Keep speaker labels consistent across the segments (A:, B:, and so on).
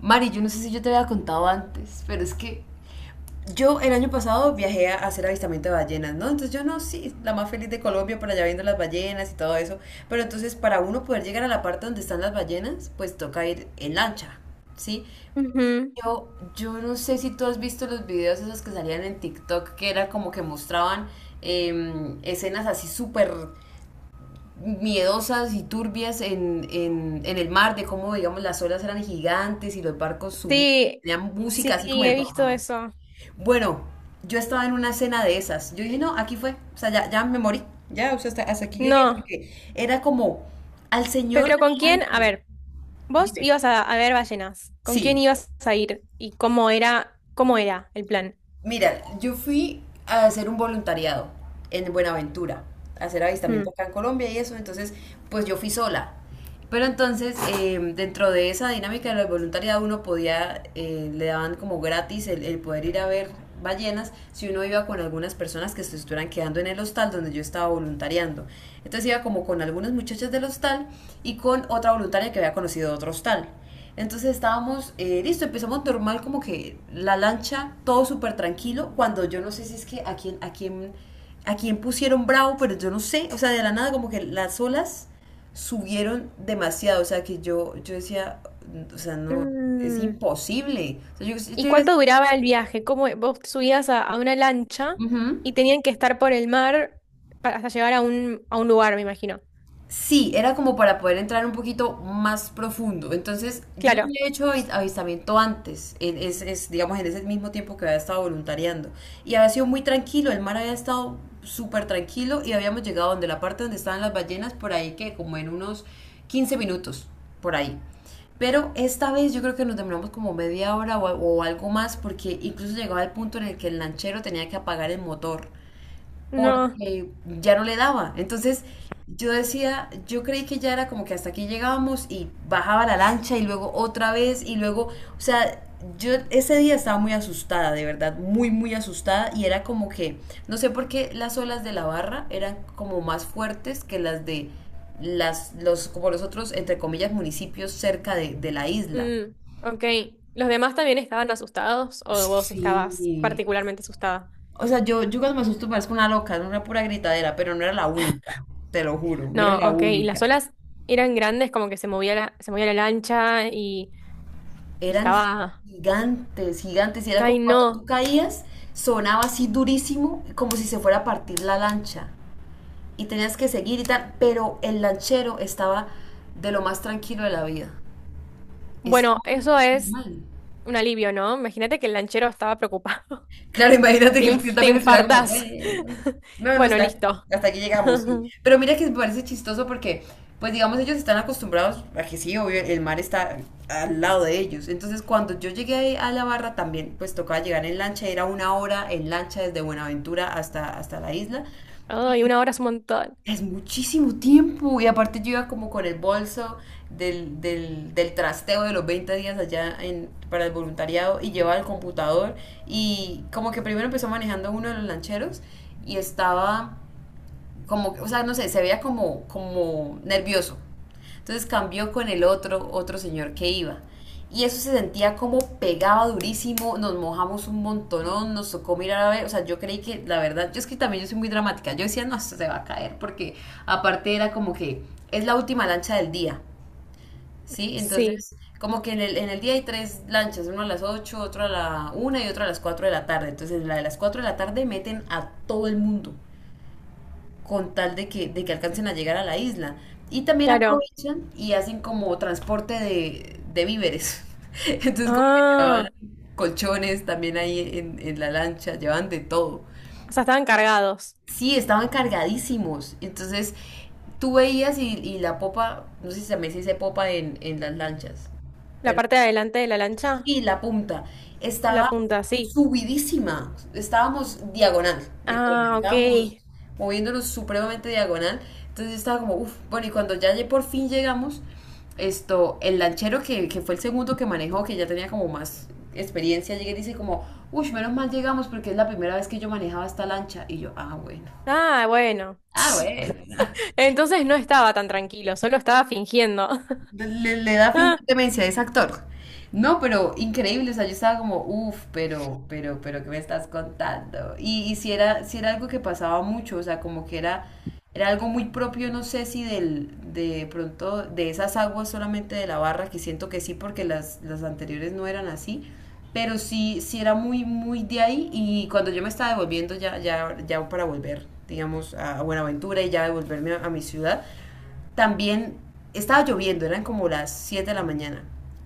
A: Mari, yo no sé si yo te había contado antes, pero es que yo el año pasado viajé a hacer avistamiento de ballenas, ¿no? Entonces yo no, sí, la más feliz de Colombia por allá viendo las ballenas y todo eso. Pero entonces, para uno poder llegar a la parte donde están las ballenas, pues toca ir en lancha, ¿sí?
B: Ujú.
A: yo, yo no sé si tú has visto los videos esos que salían en TikTok, que era como que mostraban escenas así súper miedosas y turbias en el mar, de cómo, digamos, las olas eran gigantes y los barcos subían,
B: Sí,
A: tenían música
B: sí,
A: así como
B: sí, he
A: de...
B: visto eso.
A: Bueno, yo estaba en una cena de esas. Yo dije, no, aquí fue, o sea, ya, ya me morí, ya, o sea, hasta aquí llegué,
B: No,
A: porque era como al señor
B: pero
A: de
B: ¿con
A: la
B: quién? A
A: lancha,
B: ver, vos
A: dime,
B: ibas a ver ballenas. ¿Con quién
A: sí.
B: ibas a ir? ¿Y cómo era el plan?
A: Mira, yo fui a hacer un voluntariado en Buenaventura, a hacer avistamiento
B: Mm.
A: acá en Colombia y eso, entonces pues yo fui sola. Pero entonces, dentro de esa dinámica del voluntariado, uno podía, le daban como gratis el poder ir a ver ballenas si uno iba con algunas personas que se estuvieran quedando en el hostal donde yo estaba voluntariando. Entonces iba como con algunas muchachas del hostal y con otra voluntaria que había conocido de otro hostal. Entonces estábamos, listo, empezamos normal, como que la lancha, todo súper tranquilo, cuando yo no sé si es que a quién pusieron bravo, pero yo no sé, o sea, de la nada como que las olas subieron demasiado, o sea, que yo decía, o sea, no, es
B: Mm.
A: imposible. O sea, yo,
B: ¿Y
A: yo iba
B: cuánto duraba el viaje? ¿Cómo vos te subías a una lancha
A: ujú.
B: y tenían que estar por el mar para, hasta llegar a un lugar, me imagino?
A: Sí, era como para poder entrar un poquito más profundo. Entonces, yo ya
B: Claro.
A: había hecho avistamiento antes, en, digamos, en ese mismo tiempo que había estado voluntariando. Y había sido muy tranquilo, el mar había estado súper tranquilo y habíamos llegado donde la parte donde estaban las ballenas, por ahí que como en unos 15 minutos, por ahí. Pero esta vez yo creo que nos demoramos como media hora o algo más, porque incluso llegaba el punto en el que el lanchero tenía que apagar el motor
B: No.
A: porque ya no le daba. Entonces yo decía, yo creí que ya era como que hasta aquí llegábamos, y bajaba la lancha y luego otra vez y luego, o sea, yo ese día estaba muy asustada, de verdad, muy, muy asustada, y era como que no sé por qué las olas de la barra eran como más fuertes que las de las, los, como los otros, entre comillas, municipios cerca de la isla.
B: Mm, ok. ¿Los demás también estaban asustados o vos estabas
A: Sí.
B: particularmente asustada?
A: O sea, yo cuando me asusto parezco una loca, era una pura gritadera, pero no era la única, te lo juro, no era
B: No,
A: la
B: ok. Y las
A: única.
B: olas eran grandes, como que se movía la lancha y
A: Eran
B: estaba.
A: gigantes, gigantes, y era como
B: Ay,
A: cuando tú
B: no.
A: caías, sonaba así durísimo, como si se fuera a partir la lancha, y tenías que seguir y tal, pero el lanchero estaba de lo más tranquilo de la vida. Estaba
B: Bueno, eso es
A: normal.
B: un alivio, ¿no? Imagínate que el lanchero estaba preocupado.
A: Claro, imagínate
B: Te,
A: que el tío
B: te
A: también estuviera como,
B: infartás.
A: bueno, no, no, o
B: Bueno,
A: sea,
B: listo.
A: hasta aquí llegamos, sí. Pero mira que me parece chistoso porque, pues digamos, ellos están acostumbrados a que sí, obvio, el mar está al lado de ellos. Entonces, cuando yo llegué ahí a la barra también, pues tocaba llegar en lancha, era una hora en lancha desde Buenaventura hasta, hasta la isla.
B: Ay, una hora es un montón.
A: Es muchísimo tiempo. Y aparte yo iba como con el bolso del trasteo de los 20 días allá en, para el voluntariado, y llevaba el computador. Y como que primero empezó manejando uno de los lancheros y estaba como, o sea, no sé, se veía como, como nervioso. Entonces cambió con el otro señor que iba. Y eso se sentía como pegaba durísimo, nos mojamos un montonón, nos tocó mirar a ver, o sea, yo creí que la verdad, yo es que también yo soy muy dramática, yo decía, no, esto se va a caer, porque aparte era como que es la última lancha del día, ¿sí?
B: Sí,
A: Entonces, como que en el día hay tres lanchas, una a las 8, otra a la 1 y otra a las 4 de la tarde. Entonces, en la de las 4 de la tarde meten a todo el mundo con tal de que alcancen a llegar a la isla. Y también
B: claro.
A: aprovechan y hacen como transporte de, víveres. Entonces como que llevaban
B: Ah,
A: colchones también ahí en la lancha, llevaban de todo.
B: o sea, estaban cargados.
A: Sí, estaban cargadísimos. Entonces tú veías y la popa, no sé si también se dice popa en las lanchas,
B: La
A: pero
B: parte de adelante de la lancha,
A: y la punta
B: la
A: estaba
B: punta, sí.
A: subidísima, estábamos diagonal, literal,
B: Ah, ok.
A: estábamos moviéndonos supremamente diagonal, entonces estaba como, uff, bueno, y cuando ya por fin llegamos, esto, el lanchero que fue el segundo que manejó, que ya tenía como más experiencia, llega y dice como, uff, menos mal llegamos porque es la primera vez que yo manejaba esta lancha, y yo, ah, bueno,
B: Ah, bueno.
A: ah, bueno.
B: Entonces no estaba tan tranquilo, solo estaba fingiendo.
A: Le da
B: Ah,
A: fingir demencia, es actor. No, pero increíble, o sea, yo estaba como, uff, pero, ¿qué me estás contando? Y si era algo que pasaba mucho, o sea, como que era, era algo muy propio, no sé si del, de pronto, de esas aguas solamente de la barra, que siento que sí, porque las anteriores no eran así, pero sí, sí era muy, muy de ahí, y cuando yo me estaba devolviendo ya, ya, ya para volver, digamos, a Buenaventura, y ya devolverme a mi ciudad, también estaba lloviendo, eran como las 7 de la mañana.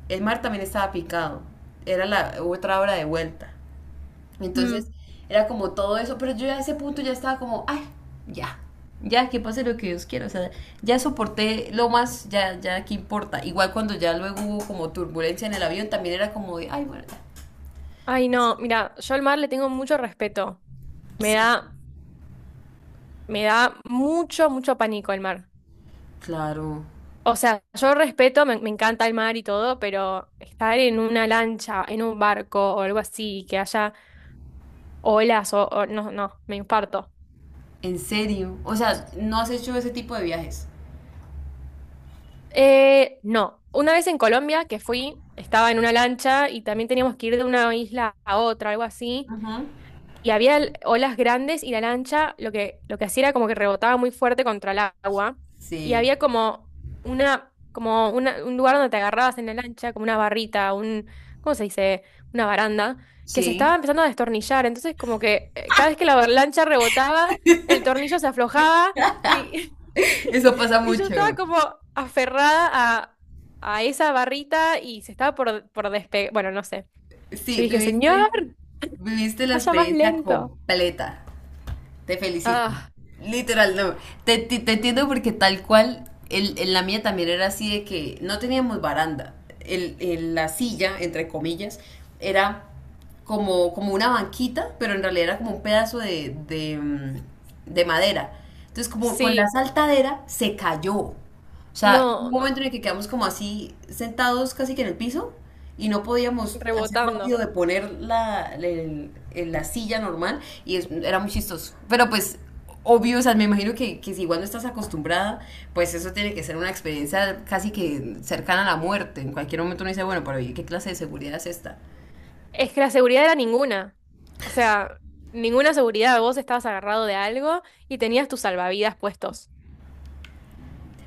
A: El mar también estaba picado, era la otra hora de vuelta. Entonces
B: mm.
A: era como todo eso, pero yo a ese punto ya estaba como, ay, ya, ya que pase lo que Dios quiera, o sea, ya soporté lo más, ya, ya, ¿qué importa? Igual cuando ya luego hubo como turbulencia en el avión, también era como de, ay, bueno, ya".
B: Ay, no, mira, yo al mar le tengo mucho respeto. Me
A: Sí,
B: da, me da mucho, mucho pánico el mar.
A: claro,
B: O sea, yo respeto, me encanta el mar y todo, pero estar en una lancha, en un barco o algo así, que haya olas no, no, me infarto.
A: en serio, o sea, ¿no has hecho ese tipo de viajes?
B: No, una vez en Colombia que fui, estaba en una lancha y también teníamos que ir de una isla a otra, algo así.
A: Ajá.
B: Y había olas grandes y la lancha lo que hacía era como que rebotaba muy fuerte contra el agua y
A: Sí,
B: había como una, como un lugar donde te agarrabas en la lancha, como una barrita, un, ¿cómo se dice? Una baranda, que se estaba
A: sí,
B: empezando a destornillar, entonces como que cada vez que la lancha rebotaba, el tornillo se aflojaba y,
A: eso pasa
B: y yo
A: mucho.
B: estaba como aferrada a esa barrita y se estaba por despegar, bueno, no sé.
A: Sí,
B: Yo dije, señor,
A: viviste, viviste la
B: vaya más
A: experiencia
B: lento.
A: completa. Te felicito.
B: Ah,
A: Literal, no. Te, te entiendo porque tal cual, el, en la mía también era así de que no teníamos baranda. El, la silla, entre comillas, era como, como una banquita, pero en realidad era como un pedazo de, de madera. Entonces, como con la
B: sí.
A: saltadera, se cayó. O sea, hubo un
B: No,
A: momento
B: no,
A: en el que quedamos como así sentados casi que en el piso y no podíamos hacer
B: rebotando.
A: rápido de poner la, la silla normal y era muy chistoso. Pero pues obvio, o sea, me imagino que si igual no estás acostumbrada, pues eso tiene que ser una experiencia casi que cercana a la muerte. En cualquier momento uno dice, bueno, pero ¿y qué clase de seguridad es esta?
B: Es que la seguridad era ninguna. O sea, ninguna seguridad. Vos estabas agarrado de algo y tenías tus salvavidas puestos.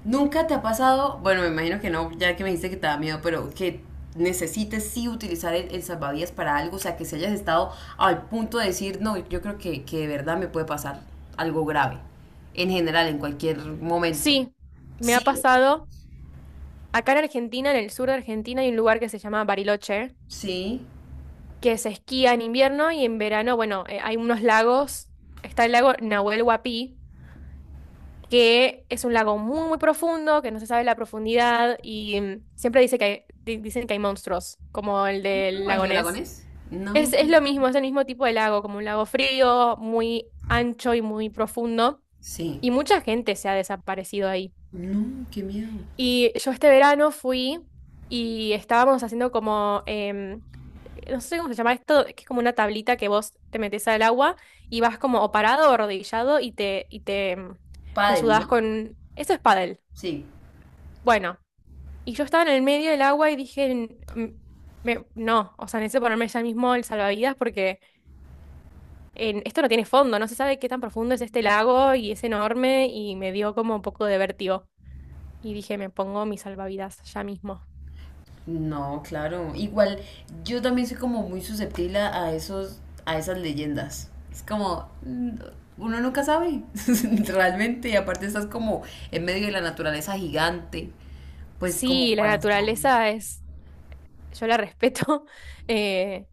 A: ¿Nunca te ha pasado, bueno, me imagino que no, ya que me dijiste que te da miedo, pero que necesites sí utilizar el salvavidas para algo, o sea, que si hayas estado al punto de decir, no, yo creo que de verdad me puede pasar algo grave, en general, en cualquier momento.
B: Sí, me ha
A: Sí,
B: pasado. Acá en Argentina, en el sur de Argentina, hay un lugar que se llama Bariloche,
A: sí.
B: que se esquía en invierno y en verano, bueno, hay unos lagos. Está el lago Nahuel Huapi, que es un lago muy, muy profundo, que no se sabe la profundidad y siempre dice que dicen que hay monstruos, como el del
A: No, ¿el
B: lago
A: de
B: Ness.
A: lagones? No,
B: Es lo mismo, es el mismo tipo de lago, como un lago frío, muy ancho y muy profundo.
A: sí.
B: Y mucha gente se ha desaparecido ahí.
A: No, qué miedo.
B: Y yo este verano fui y estábamos haciendo como, no sé cómo se llama esto, que es como una tablita que vos te metes al agua y vas como o parado o arrodillado y te, te
A: Pádel, ¿no?
B: ayudás con... Eso es pádel.
A: Sí.
B: Bueno, y yo estaba en el medio del agua y dije: "Mm, no, o sea, necesito ponerme ya mismo el salvavidas porque... esto no tiene fondo, no se sabe qué tan profundo es este lago y es enorme y me dio como un poco de vértigo. Y dije, me pongo mis salvavidas ya mismo.
A: No, claro. Igual, yo también soy como muy susceptible a esos, a esas leyendas. Es como, uno nunca sabe, realmente. Y aparte estás como en medio de la naturaleza gigante, pues como
B: Sí, la
A: para saber.
B: naturaleza es, yo la respeto. eh,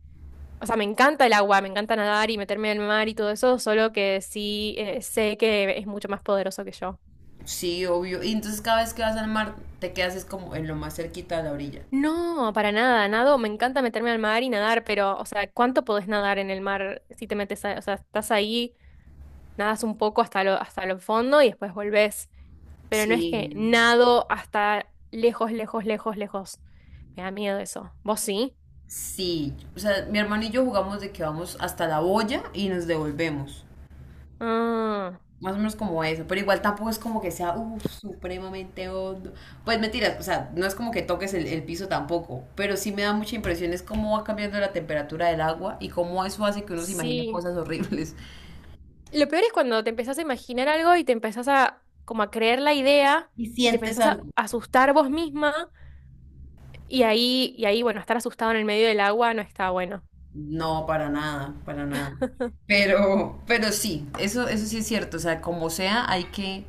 B: o sea, me encanta el agua, me encanta nadar y meterme al mar y todo eso, solo que sí, sé que es mucho más poderoso que yo.
A: Sí, obvio. Y entonces cada vez que vas al mar, te quedas es como en lo más cerquita de la orilla.
B: No, para nada, nado, me encanta meterme al mar y nadar, pero, o sea, ¿cuánto podés nadar en el mar si te metes, o sea, estás ahí, nadas un poco hasta lo, hasta el fondo y después volvés? Pero no es que
A: Sí,
B: nado hasta lejos, lejos, lejos, lejos. Me da miedo eso. ¿Vos sí?
A: sí. O sea, mi hermano y yo jugamos de que vamos hasta la boya y nos devolvemos.
B: Ah,
A: Más o menos como eso, pero igual tampoco es como que sea uf, supremamente hondo. Pues mentiras, o sea, no es como que toques el piso tampoco, pero sí me da mucha impresión es cómo va cambiando la temperatura del agua y cómo eso hace que uno se imagine
B: sí.
A: cosas horribles.
B: Lo peor es cuando te empezás a imaginar algo y te empezás a como a creer la idea
A: ¿Y
B: y te
A: sientes
B: empezás a
A: algo?
B: asustar vos misma y ahí, bueno, estar asustado en el medio del agua no está bueno.
A: No, para nada, para nada. Pero sí, eso sí es cierto, o sea, como sea,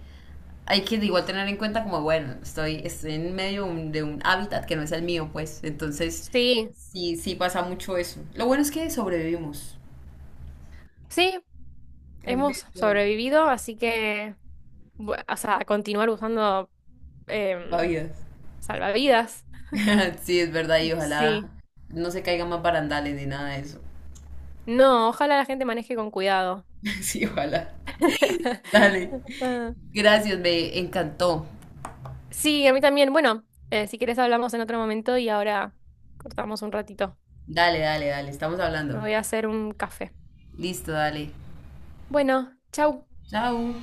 A: hay que igual tener en cuenta como, bueno, estoy en medio de un hábitat que no es el mío, pues, entonces
B: Sí,
A: sí, sí pasa mucho eso. Lo bueno es que sobrevivimos.
B: sí,
A: En vez
B: hemos
A: de
B: sobrevivido, así que, o sea, continuar usando em,
A: salvavidas.
B: salvavidas.
A: Sí, es verdad, y ojalá
B: Sí.
A: no se caigan más barandales ni nada de eso.
B: No, ojalá la gente maneje con cuidado.
A: Sí, ojalá. Dale.
B: Ah,
A: Gracias, me encantó.
B: sí, a mí también. Bueno, si querés hablamos en otro momento y ahora cortamos un ratito.
A: Dale, dale, dale. Estamos
B: Me
A: hablando.
B: voy a hacer un café.
A: Listo, dale.
B: Bueno, chau.
A: Chao.